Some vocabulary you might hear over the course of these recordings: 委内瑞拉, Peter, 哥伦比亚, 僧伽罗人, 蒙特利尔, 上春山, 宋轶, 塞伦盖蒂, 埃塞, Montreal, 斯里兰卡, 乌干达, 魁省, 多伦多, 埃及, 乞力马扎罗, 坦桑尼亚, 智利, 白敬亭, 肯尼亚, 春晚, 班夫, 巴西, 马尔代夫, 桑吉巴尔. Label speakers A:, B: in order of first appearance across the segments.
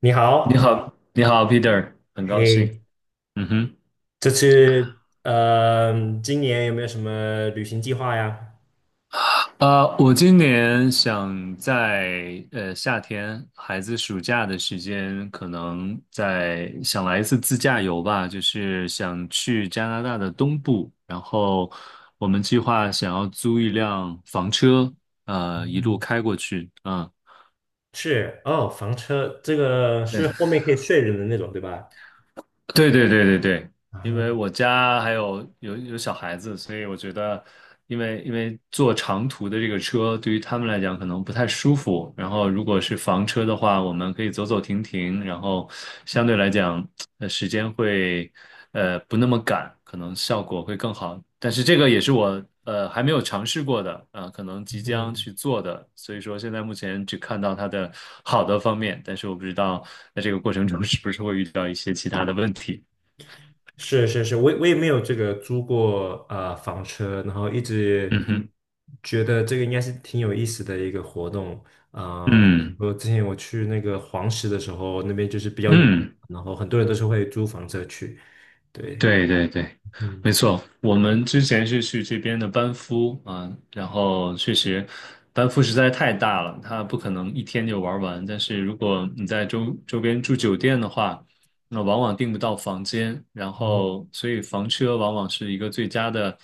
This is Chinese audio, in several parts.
A: 你
B: 你
A: 好。
B: 好，你好，Peter，很高兴。
A: 嘿，
B: 嗯哼。
A: 这次呃，今年有没有什么旅行计划呀？
B: 我今年想在夏天孩子暑假的时间，可能在想来一次自驾游吧，就是想去加拿大的东部，然后我们计划想要租一辆房车，一路
A: 嗯。
B: 开过去。啊。
A: 是哦，房车这个是后面可以睡人的那种，对吧？
B: 对对对对对对。因为
A: 啊。
B: 我家还有小孩子，所以我觉得，因为坐长途的这个车对于他们来讲可能不太舒服。然后如果是房车的话，我们可以走走停停，然后相对来讲，时间会不那么赶，可能效果会更好。但是这个也是我还没有尝试过的，可能即将
A: 嗯，
B: 去做的。所以说现在目前只看到它的好的方面，但是我不知道在这个过程中是不是会遇到一些其他的问题。
A: 是是是，我也没有这个租过房车，然后一直
B: 嗯哼。
A: 觉得这个应该是挺有意思的一个活动。啊、
B: 嗯
A: 我之前去那个黄石的时候，那边就是比较远，
B: 嗯，
A: 然后很多人都是会租房车去。对。
B: 对对对，
A: 嗯，
B: 没错。我们之前是去这边的班夫啊，然后确实班夫实在太大了，它不可能一天就玩完。但是如果你在周边住酒店的话，那往往订不到房间，然
A: 嗯
B: 后所以房车往往是一个最佳的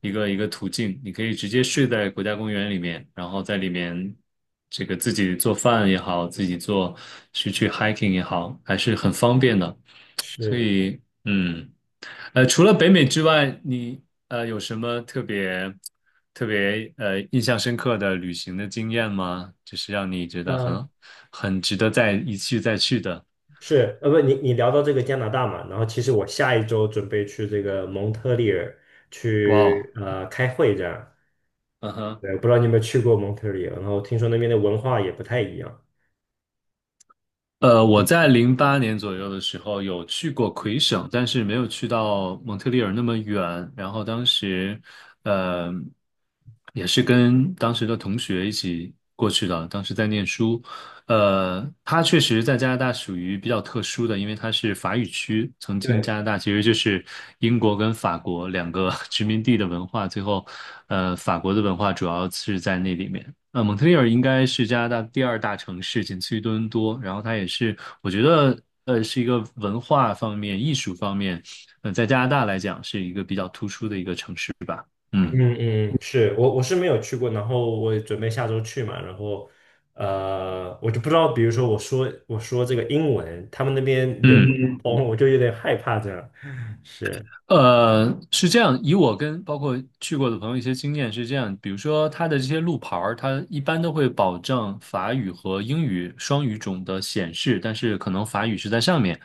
B: 一个途径。你可以直接睡在国家公园里面，然后在里面这个自己做饭也好，自己做去 hiking 也好，还是很方便的。所
A: 是。
B: 以，除了北美之外，你有什么特别印象深刻的旅行的经验吗？就是让你觉得
A: 嗯，
B: 很值得再一去再去的。
A: 是，不，你聊到这个加拿大嘛，然后其实我下一周准备去这个蒙特利尔
B: 哇哦。
A: 去开会这样。
B: 嗯哼。
A: 对，不知道你有没有去过蒙特利尔，然后听说那边的文化也不太一样。
B: 我在08年左右的时候有去过魁省，但是没有去到蒙特利尔那么远。然后当时，呃，也是跟当时的同学一起过去的，当时在念书。它确实在加拿大属于比较特殊的，因为它是法语区。曾经加
A: 对，
B: 拿大其实就是英国跟法国两个 殖民地的文化，最后，法国的文化主要是在那里面。蒙特利尔应该是加拿大第二大城市，仅次于多伦多。然后它也是，我觉得，是一个文化方面、艺术方面，在加拿大来讲是一个比较突出的一个城市。嗯
A: 嗯嗯，是我是没有去过，然后我也准备下周去嘛，然后我就不知道，比如说我说这个英文，他们那边流
B: 嗯。嗯
A: 哦，
B: 嗯
A: 我就有点害怕这样。是，
B: 是这样，以我跟包括去过的朋友一些经验是这样，比如说它的这些路牌儿，它一般都会保证法语和英语双语种的显示，但是可能法语是在上面，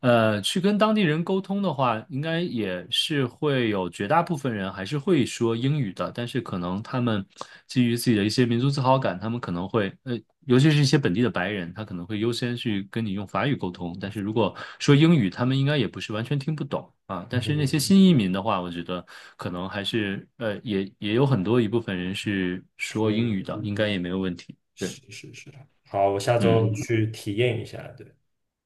B: 去跟当地人沟通的话，应该也是会有绝大部分人还是会说英语的，但是可能他们基于自己的一些民族自豪感，他们可能会，尤其是一些本地的白人，他可能会优先去跟你用法语沟通，但是如果说英语，他们应该也不是完全听不懂啊。但是那些
A: 嗯，
B: 新移民的话，我觉得可能还是，也有很多一部分人是
A: 所
B: 说英语
A: 以
B: 的，应该也没有问题。对。
A: 是是是，好，我下周
B: 嗯。
A: 去体验一下，对。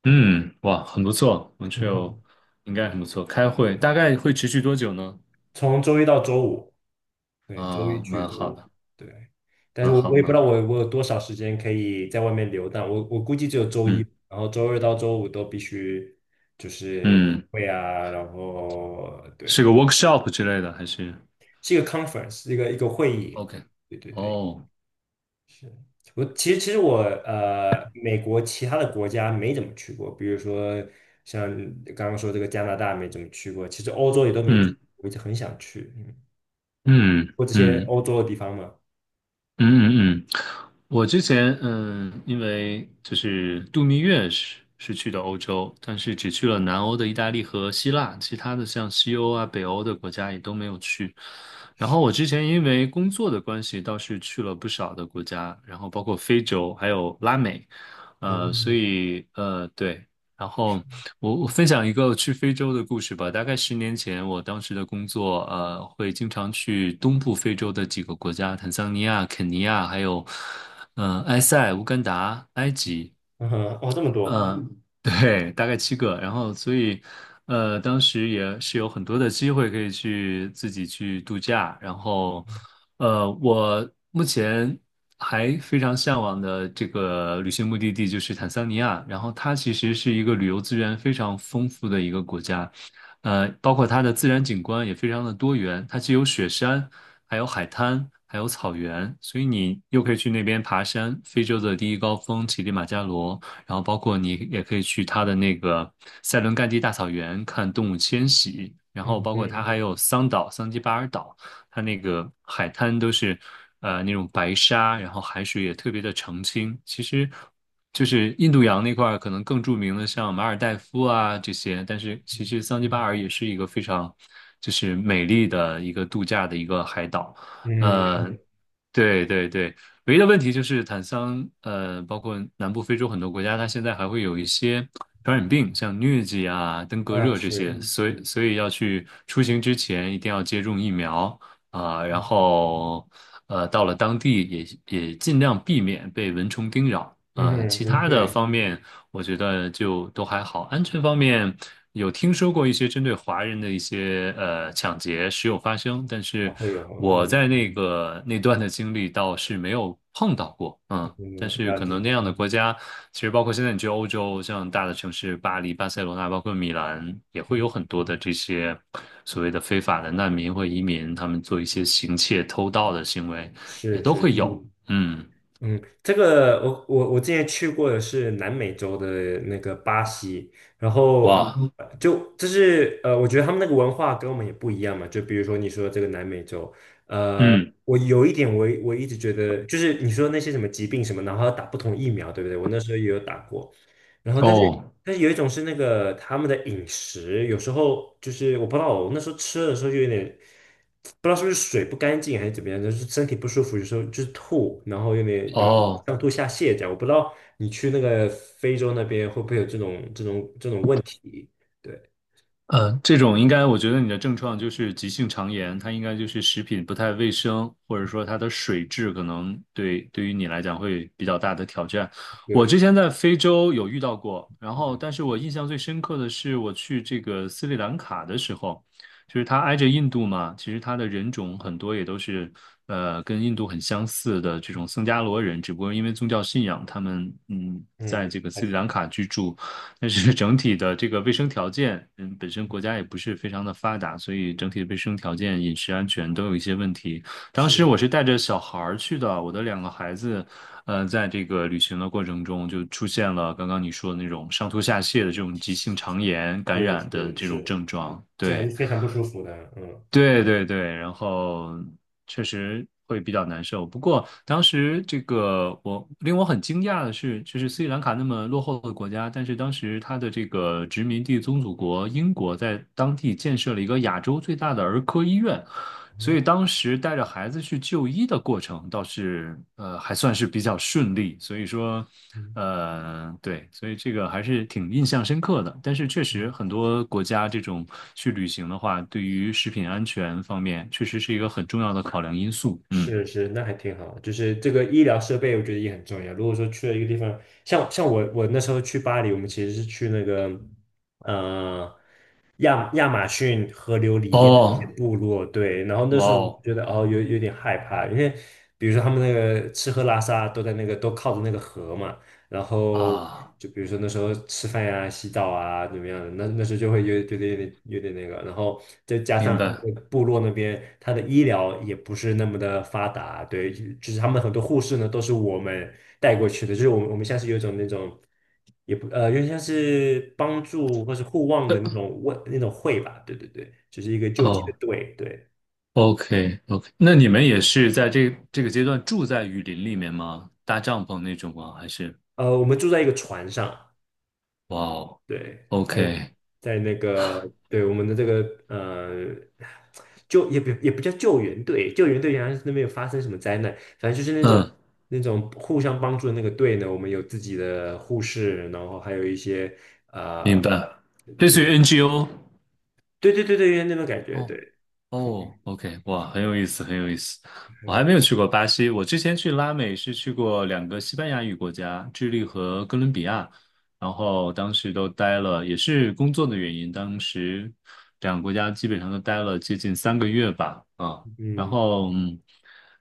B: 嗯，哇，很不错，Montreal 应该很不错。开会大概会持续多久呢？
A: 从周一到周五。对，周一
B: 啊，
A: 去
B: 蛮
A: 周
B: 好
A: 五。
B: 的，
A: 对。但是
B: 蛮
A: 我
B: 好，
A: 我也不知
B: 蛮
A: 道
B: 好。
A: 我有多少时间可以在外面游荡，我估计只有周一，
B: 嗯
A: 然后周二到周五都必须
B: 嗯，
A: 会啊。然后
B: 是
A: 对，
B: 个 workshop 之类的还是
A: 是一个 conference，一个会议，
B: ？OK。
A: 对对对，
B: 哦。
A: 是。我其实，美国其他的国家没怎么去过，比如说像刚刚说这个加拿大没怎么去过，其实欧洲也都没去，
B: 嗯
A: 我一直很想去，嗯，
B: 嗯
A: 或这些
B: 嗯。
A: 欧洲的地方嘛。
B: 嗯嗯嗯，我之前因为就是度蜜月是去的欧洲，但是只去了南欧的意大利和希腊，其他的像西欧啊、北欧的国家也都没有去。然后我之前因为工作的关系，倒是去了不少的国家，然后包括非洲还有拉美，所
A: 嗯，
B: 以对，然后我分享一个去非洲的故事吧。大概10年前，我当时的工作，会经常去东部非洲的几个国家，坦桑尼亚、肯尼亚，还有，埃塞、乌干达、埃及。
A: 嗯哼。哦，这么多。
B: 呃，对，大概七个，然后所以，当时也是有很多的机会可以去自己去度假，然后，我目前还非常向往的这个旅行目的地就是坦桑尼亚，然后它其实是一个旅游资源非常丰富的一个国家，包括它的自然景观也非常的多元，它既有雪山，还有海滩。还有草原，所以你又可以去那边爬山，非洲的第一高峰乞力马扎罗，然后包括你也可以去它的那个塞伦盖蒂大草原看动物迁徙，然后
A: 嗯
B: 包括
A: 嗯
B: 它还有桑岛、桑吉巴尔岛，它那个海滩都是那种白沙，然后海水也特别的澄清。其实就是印度洋那块儿可能更著名的像马尔代夫啊这些，但是其实桑吉巴尔也是一个非常就是美丽的一个度假的一个海岛。
A: 嗯。
B: 呃，对对对，唯一的问题就是坦桑，包括南部非洲很多国家，它现在还会有一些传染病，像疟疾啊、登革
A: 啊
B: 热这些，
A: 是。
B: 所以要去出行之前一定要接种疫苗啊，然后到了当地也尽量避免被蚊虫叮咬，
A: 嗯哼。
B: 其
A: 嗯
B: 他的
A: 对。
B: 方面我觉得就都还好。安全方面，有听说过一些针对华人的一些抢劫时有发生，但
A: 啊
B: 是
A: 会有。嗯
B: 我在那个那段的经历倒是没有碰到过。嗯，但
A: 嗯。
B: 是
A: 了
B: 可能
A: 解。
B: 那样的国家，其实包括现在你去欧洲，像大的城市巴黎、巴塞罗那，包括米兰，也会有很多的这些所谓的非法的难民或移民，他们做一些行窃、偷盗的行为，也
A: 是是
B: 都会
A: 是。
B: 有。嗯。
A: 嗯。这个我之前去过的是南美洲的那个巴西，然后
B: 哇。嗯。
A: 就是，我觉得他们那个文化跟我们也不一样嘛，就比如说你说这个南美洲，呃，
B: 嗯
A: 我有一点我一直觉得就是你说那些什么疾病什么，然后要打不同疫苗，对不对？我那时候也有打过。然后，但是
B: 哦。
A: 有一种是那个他们的饮食，有时候就是我不知道，我那时候吃的时候就有点不知道是不是水不干净还是怎么样，就是身体不舒服，有时候就是吐，然后有
B: 哦。
A: 上吐下泻这样。我不知道你去那个非洲那边会不会有这种问题？对，
B: 这种应该，我觉得你的症状就是急性肠炎，它应该就是食品不太卫生，或者说它的水质可能对于你来讲会比较大的挑战。我
A: 对，
B: 之前在非洲有遇到过，然后
A: 嗯，
B: 但是我印象最深刻的是我去这个斯里兰卡的时候，就是它挨着印度嘛，其实它的人种很多也都是跟印度很相似的这种僧伽罗人，只不过因为宗教信仰，他们在
A: 嗯
B: 这个
A: 还
B: 斯里
A: 是
B: 兰卡居住。但是整体的这个卫生条件，嗯，本身国家也
A: 嗯，
B: 不是非常的发达，所以整体的卫生条件、饮食安全都有一些问题。当时我
A: 是
B: 是带着小孩儿去的，我的两个孩子，在这个旅行的过程中就出现了刚刚你说的那种上吐下泻的这种急性肠炎感
A: 是
B: 染的
A: 是
B: 这种
A: 是。
B: 症状。
A: 这还是
B: 对，
A: 非常不舒服的。嗯
B: 对对对，然后确实会比较难受。不过当时这个我令我很惊讶的是，就是斯里兰卡那么落后的国家，但是当时它的这个殖民地宗主国英国在当地建设了一个亚洲最大的儿科医院，所以
A: 嗯
B: 当时带着孩子去就医的过程倒是还算是比较顺利，所以说
A: 嗯。
B: 对，所以这个还是挺印象深刻的。但是确
A: 是
B: 实很多国家这种去旅行的话，对于食品安全方面确实是一个很重要的考量因素。嗯。
A: 是是，那还挺好。就是这个医疗设备，我觉得也很重要。如果说去了一个地方，像我那时候去巴黎，我们其实是去那个呃亚马逊河流里面的那些
B: 哦。
A: 部落。对。然后那
B: 哇
A: 时候我就
B: 哦
A: 觉得哦，有点害怕，因为比如说他们那个吃喝拉撒都在那个都靠着那个河嘛，然后
B: 啊，
A: 就比如说那时候吃饭呀、洗澡啊怎么样的，那时候就会有觉得有点那个，然后再加
B: 明
A: 上他
B: 白。
A: 那个部落那边，他的医疗也不是那么的发达，对，就是他们很多护士呢都是我们带过去的，就是我们像是有一种那种。也不有点像是帮助或是互望的那种会吧，对对对，就是一个救济的
B: 哦
A: 队。对。
B: ，OK OK,那你们也是在这个阶段住在雨林里面吗？搭帐篷那种吗？还是？
A: 我们住在一个船上。
B: 哇
A: 对。
B: 哦
A: 在
B: ，OK。
A: 那个，对，我们的这个呃救也不也不叫救援队，救援队好像是那边有发生什么灾难，反正就是那种
B: 嗯。
A: 那种互相帮助的那个队呢，我们有自己的护士，然后还有一些
B: 明
A: 呃，
B: 白，类
A: 对
B: 似于 NGO。
A: 对对对对，有点那种感觉，
B: 哦
A: 对，
B: 哦，OK,哇，很有意思，很有意思。我还
A: 嗯
B: 没有去过巴西，我之前去拉美是去过两个西班牙语国家，智利和哥伦比亚，然后当时都待了，也是工作的原因，当时两个国家基本上都待了接近3个月吧，啊，然后嗯。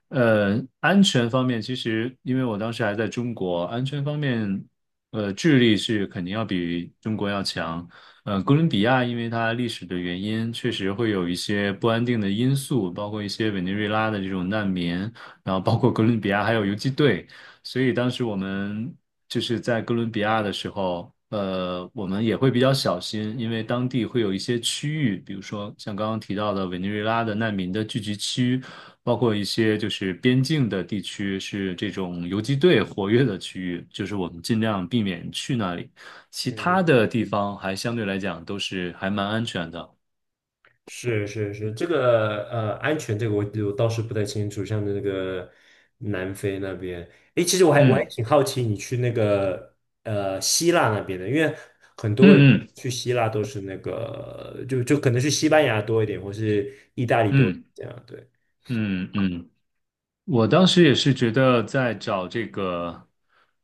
B: 安全方面，其实因为我当时还在中国，安全方面，智利是肯定要比中国要强。哥伦比亚因为它历史的原因，确实会有一些不安定的因素，包括一些委内瑞拉的这种难民，然后包括哥伦比亚还有游击队，所以当时我们就是在哥伦比亚的时候，我们也会比较小心，因为当地会有一些区域，比如说像刚刚提到的委内瑞拉的难民的聚集区，包括一些就是边境的地区是这种游击队活跃的区域，就是我们尽量避免去那里。其
A: 嗯。
B: 他的地方还相对来讲都是还蛮安全的。
A: 是是是，这个安全这个我倒是不太清楚，像那个南非那边，诶，其实我还
B: 嗯
A: 挺好奇你去那个希腊那边的，因为很
B: 嗯
A: 多人
B: 嗯
A: 去希腊都是那个就可能去西班牙多一点，或是意大利多一点
B: 嗯
A: 这样，对，
B: 嗯嗯，我当时也是觉得在找这个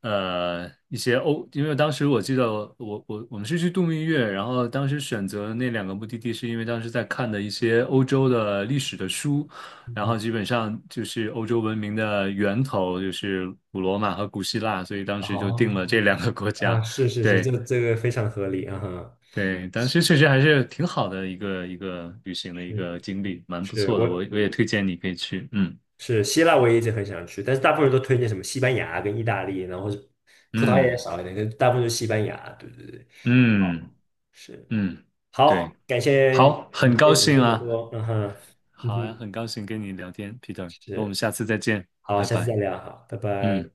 B: 呃一些欧，因为当时我记得我们是去度蜜月，然后当时选择那两个目的地是因为当时在看的一些欧洲的历史的书，然
A: 嗯，
B: 后基本上就是欧洲文明的源头就是古罗马和古希腊，所以当时就定了这
A: 哦，
B: 两个国
A: 啊，
B: 家。
A: 是是是，这
B: 对，
A: 这个非常合理啊哈。
B: 对，但是确实还是挺好的一个旅行的一
A: 是
B: 个经历，蛮不
A: 是，
B: 错的。我
A: 我。
B: 我也推荐你可以去。嗯
A: 是希腊我也一直很想去，但是大部分人都推荐什么西班牙跟意大利，然后是葡萄牙也
B: 嗯
A: 少一点，但大部分就是西班牙。对对对。好。
B: 嗯
A: 是。
B: 嗯，
A: 好，
B: 对，
A: 感谢
B: 好，
A: 你
B: 很高
A: 分享这
B: 兴
A: 么
B: 啊，
A: 多，嗯哼，嗯
B: 好呀，
A: 哼，
B: 很高兴跟你聊天，Peter。那我们
A: 是。
B: 下次再见，
A: 好，
B: 拜
A: 下次再
B: 拜。
A: 聊，好，拜拜。
B: 嗯。